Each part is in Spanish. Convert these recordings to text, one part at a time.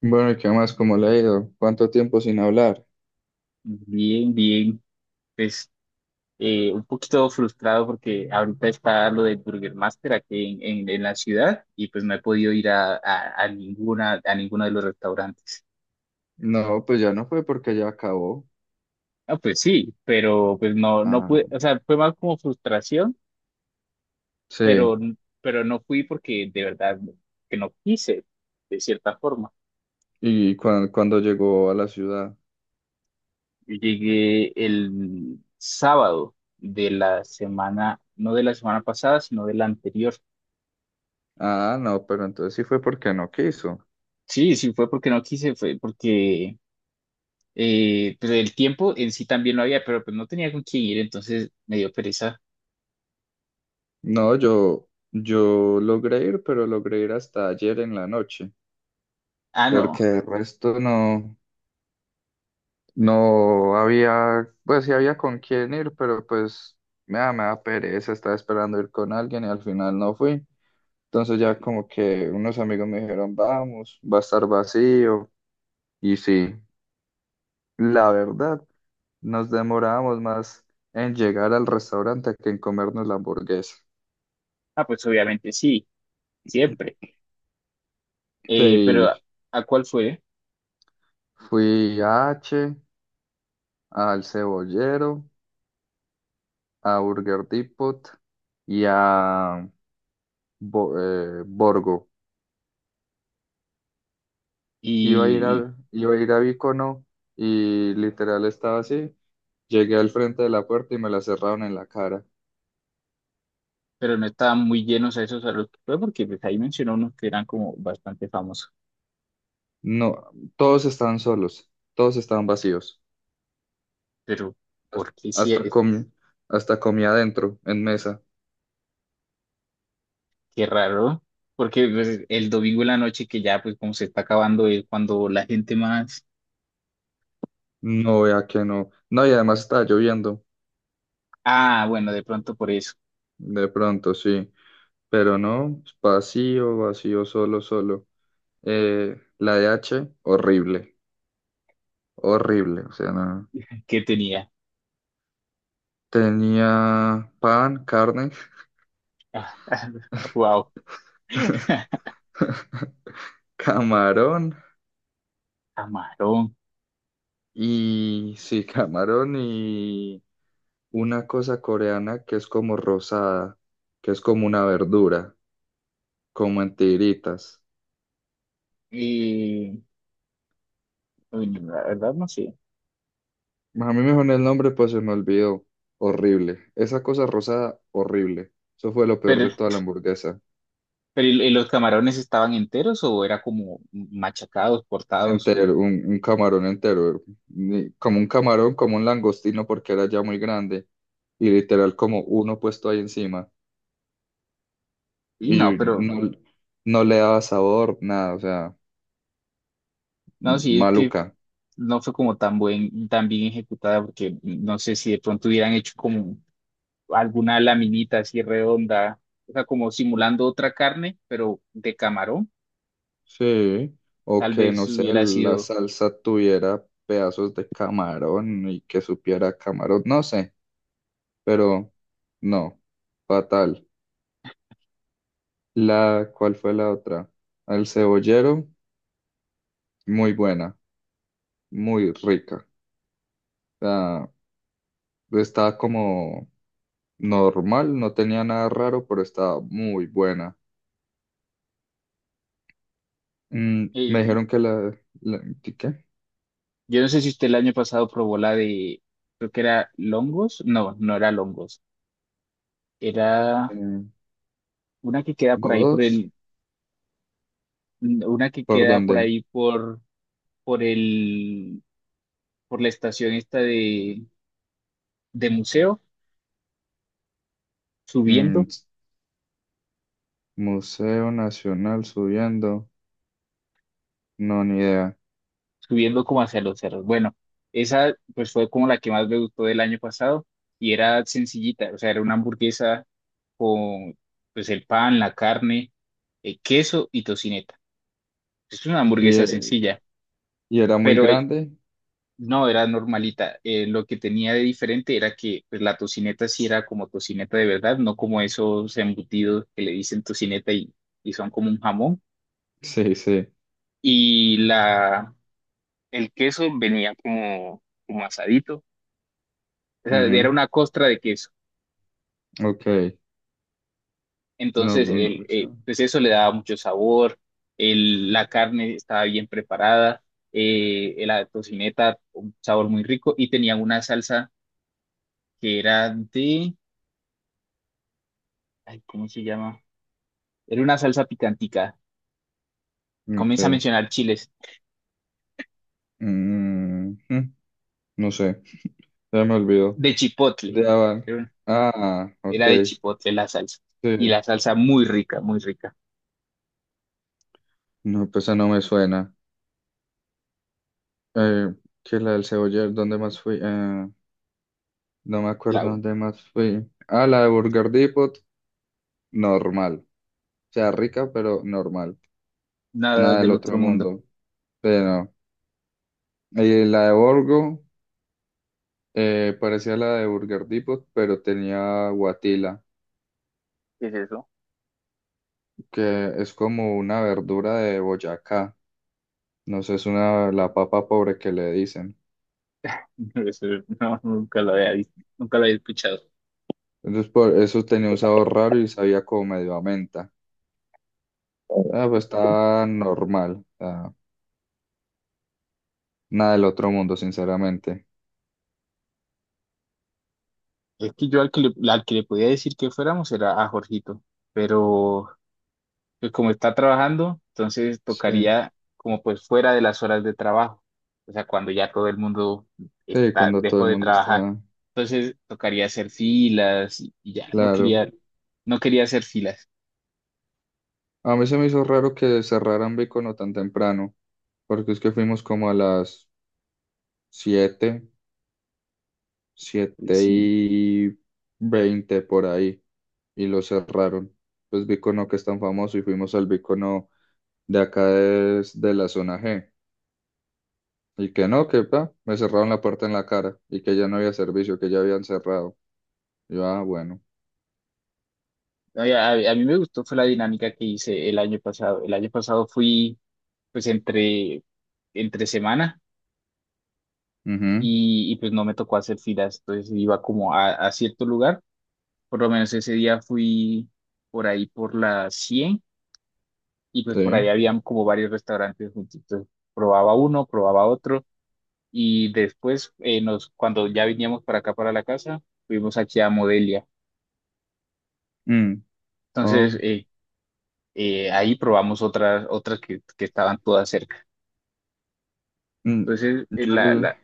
Bueno, ¿y qué más? ¿Cómo le ha ido? ¿Cuánto tiempo sin hablar? Bien, bien. Pues un poquito frustrado porque ahorita está lo del Burger Master aquí en la ciudad y pues no he podido ir a ninguna, a ninguno de los restaurantes. No, pues ya no fue porque ya acabó. Ah, pues sí, pero pues no, no Ah, pude, o sea, fue más como frustración, sí. pero, pero no fui porque de verdad que no quise, de cierta forma. ¿Y Cuando llegó a la ciudad? Yo llegué el sábado de la semana, no de la semana pasada, sino de la anterior. Ah, no, pero entonces sí fue porque no quiso. Sí, sí fue porque no quise, fue porque pero el tiempo en sí también lo había, pero pues no tenía con quién ir, entonces me dio pereza. No, yo logré ir, pero logré ir hasta ayer en la noche, Ah, porque no. el resto no, no había, pues sí había con quién ir, pero pues me da pereza, estaba esperando ir con alguien y al final no fui. Entonces ya como que unos amigos me dijeron, vamos, va a estar vacío. Y sí, la verdad, nos demorábamos más en llegar al restaurante que en comernos la hamburguesa. Ah, pues obviamente sí, siempre. Pero Sí, a cuál fue? fui a H, al Cebollero, a Burger Depot y a Borgo. Y, y- Iba a ir a Vicono y literal estaba así. Llegué al frente de la puerta y me la cerraron en la cara. pero no estaban muy llenos a esos a los que fue, porque pues ahí mencionó unos que eran como bastante famosos. No, todos estaban solos, todos estaban vacíos. Pero, Hasta ¿por qué sí? hasta Es- comí, Hasta comí adentro, en mesa. Qué raro. Porque pues, el domingo en la noche, que ya pues como se está acabando, es cuando la gente más. No, vea que no. No, y además estaba lloviendo, Ah, bueno, de pronto por eso. de pronto, sí. Pero no, vacío, vacío, solo, solo. La de h horrible, horrible. O sea, no. ¿Qué tenía? Tenía pan, carne, Wow, camarón camarón. y sí, camarón y una cosa coreana que es como rosada, que es como una verdura, como en tiritas. Eh, Uy, no, la verdad no sé. A mí me dijo el nombre, pues se me olvidó. Horrible. Esa cosa rosada, horrible. Eso fue lo peor Pero, de toda la hamburguesa. pero y los camarones estaban enteros o era como machacados, cortados o... Entero, un camarón entero. Como un camarón, como un langostino, porque era ya muy grande. Y literal, como uno puesto ahí encima. Y Y no, yo pero no le daba sabor, nada, o sea, no, sí, es que maluca. no fue como tan buen, tan bien ejecutada porque no sé si de pronto hubieran hecho como alguna laminita así redonda, o sea, como simulando otra carne, pero de camarón, Sí, o tal que no vez sé, hubiera la sido... salsa tuviera pedazos de camarón y que supiera camarón, no sé, pero no, fatal. ¿Cuál fue la otra? El cebollero, muy buena, muy rica. O sea, estaba como normal, no tenía nada raro, pero estaba muy buena. Me eh, dijeron que ¿qué? yo no sé si usted el año pasado probó la de, creo que era longos, no, no era longos, era Eh, una que queda por ahí por Godos, el mm, una que ¿por queda por dónde? ahí por, por el, por la estación esta de museo, Mm, subiendo, Museo Nacional subiendo. No, ni idea. subiendo como hacia los cerros. Bueno, esa pues fue como la que más me gustó del año pasado y era sencillita, o sea, era una hamburguesa con pues el pan, la carne, queso y tocineta. Es una ¿Y, hamburguesa eh, sencilla, y era muy pero grande? no, era normalita. Lo que tenía de diferente era que pues, la tocineta sí era como tocineta de verdad, no como esos embutidos que le dicen tocineta y son como un jamón. Sí, sí. Y la, el queso venía como, como asadito. O sea, era Ujú. una costra de queso. Ok. No, Entonces, no, o sea, pues eso le daba mucho sabor. La carne estaba bien preparada. La tocineta, un sabor muy rico. Y tenía una salsa que era de, ay, ¿cómo se llama? Era una salsa picantica. Comienza a ok. mencionar chiles. Mm, mm, no sé. Ya me olvidó. De chipotle. De Aval. Era, un- Ah, ok. era de chipotle la salsa. Y Sí. la salsa muy rica, muy rica. No, pues esa no me suena. Eh, que la del Ceboller, ¿dónde más fui? No me La, acuerdo dónde más fui. Ah, la de Burger Depot. Normal. O sea, rica, pero normal. nada Nada del del otro otro mundo. mundo. Pero. Y la de Borgo. Parecía la de Burger Depot, pero tenía guatila, ¿Qué es eso? que es como una verdura de Boyacá. No sé, es la papa pobre que le dicen. Eso no, nunca lo había visto, nunca lo había escuchado. Entonces, por eso tenía un sabor raro y sabía como medio a menta. Ah, pues estaba normal. Ah, nada del otro mundo, sinceramente. Es que yo al que al que le podía decir que fuéramos era a Jorgito, pero pues como está trabajando, entonces Sí, tocaría como pues fuera de las horas de trabajo, o sea, cuando ya todo el mundo sí, está, cuando todo dejó el de mundo trabajar. está Entonces tocaría hacer filas y ya, no claro. quería, no quería hacer filas. A mí se me hizo raro que cerraran Bicono tan temprano, porque es que fuimos como a las 7, Eh, Siete sí. y veinte por ahí y lo cerraron. Pues Bicono que es tan famoso y fuimos al Bicono de acá de la zona G. Y que no, que pa, me cerraron la puerta en la cara y que ya no había servicio, que ya habían cerrado. Yo, ah, bueno. Oye, a mí me gustó fue la dinámica que hice el año pasado. El año pasado fui pues entre semana Ujú, pues no me tocó hacer filas, entonces iba como a cierto lugar, por lo menos ese día fui por ahí por la 100 y pues por ahí sí. habían como varios restaurantes juntitos. Probaba uno, probaba otro y después cuando ya veníamos para acá, para la casa, fuimos aquí a Modelia. Mm, Entonces oh, ahí probamos otras, otras que estaban todas cerca. mm. Entonces Yo el,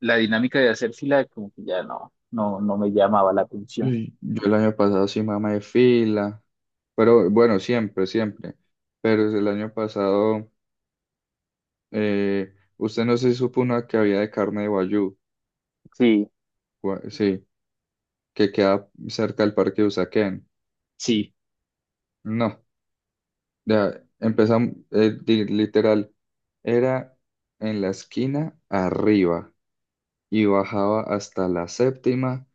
la dinámica de hacer fila como que ya no, no, no me llamaba la atención. Yo el año pasado sí mamá de fila, pero bueno, siempre, siempre. Pero el año pasado... Usted no se supo una que había de carne de Wagyu, Sí, sí, que queda cerca del parque de Usaquén. sí, No, ya empezamos, literal, era en la esquina arriba y bajaba hasta la séptima.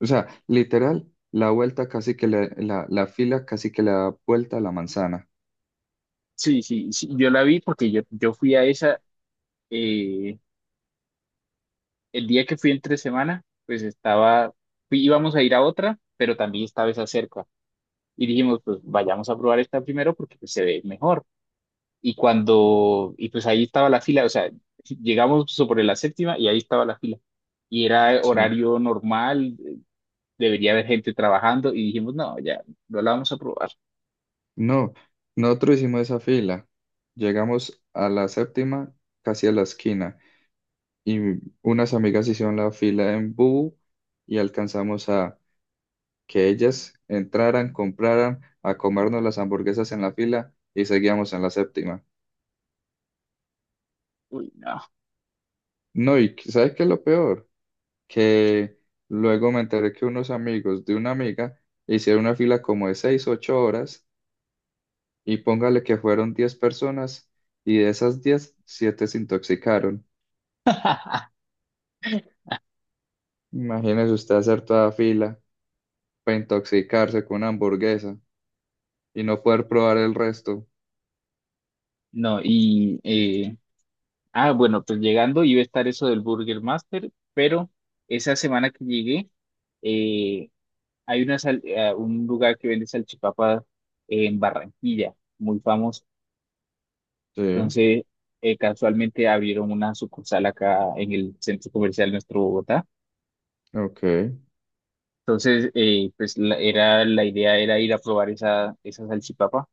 O sea, literal, la vuelta casi que la fila casi que le da vuelta a la manzana. sí, sí, sí. Yo la vi porque yo fui a esa. eh, el día que fui entre semana, pues estaba, íbamos a ir a otra, pero también estaba esa cerca. Y dijimos, pues vayamos a probar esta primero porque pues, se ve mejor. Y pues ahí estaba la fila, o sea, llegamos sobre la séptima y ahí estaba la fila. Y era Sí. horario normal, debería haber gente trabajando y dijimos, no, ya, no la vamos a probar. No, nosotros hicimos esa fila. Llegamos a la séptima, casi a la esquina. Y unas amigas hicieron la fila en Bubu y alcanzamos a que ellas entraran, compraran, a comernos las hamburguesas en la fila y seguíamos en la séptima. Uy, no, No, ¿sabes qué es lo peor? Que luego me enteré que unos amigos de una amiga hicieron una fila como de 6, 8 horas y póngale que fueron 10 personas y de esas 10, 7 se intoxicaron. Imagínese usted hacer toda fila para intoxicarse con una hamburguesa y no poder probar el resto. no, ah, bueno, pues llegando iba a estar eso del Burger Master, pero esa semana que llegué, eh, hay una un lugar que vende salchipapas en Barranquilla, muy famoso. Sí, Entonces, casualmente abrieron una sucursal acá en el centro comercial nuestro Bogotá. ok. Entonces, la idea era ir a probar esa, esa salchipapa.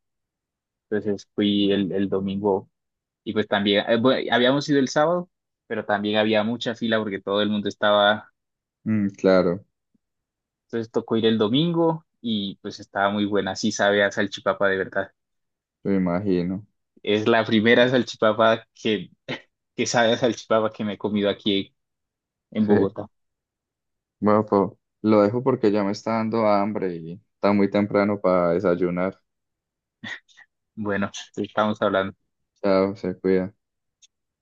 Entonces fui el domingo y pues también, bueno, habíamos ido el sábado, pero también había mucha fila porque todo el mundo estaba, Claro, entonces tocó ir el domingo y pues estaba muy buena, sí sabe a salchipapa de verdad. me imagino. Es la primera salchipapa que, que sabe a salchipapa que me he comido aquí en Sí. Bogotá. Bueno, lo dejo porque ya me está dando hambre y está muy temprano para desayunar. Bueno, estamos hablando. Chao, se cuida.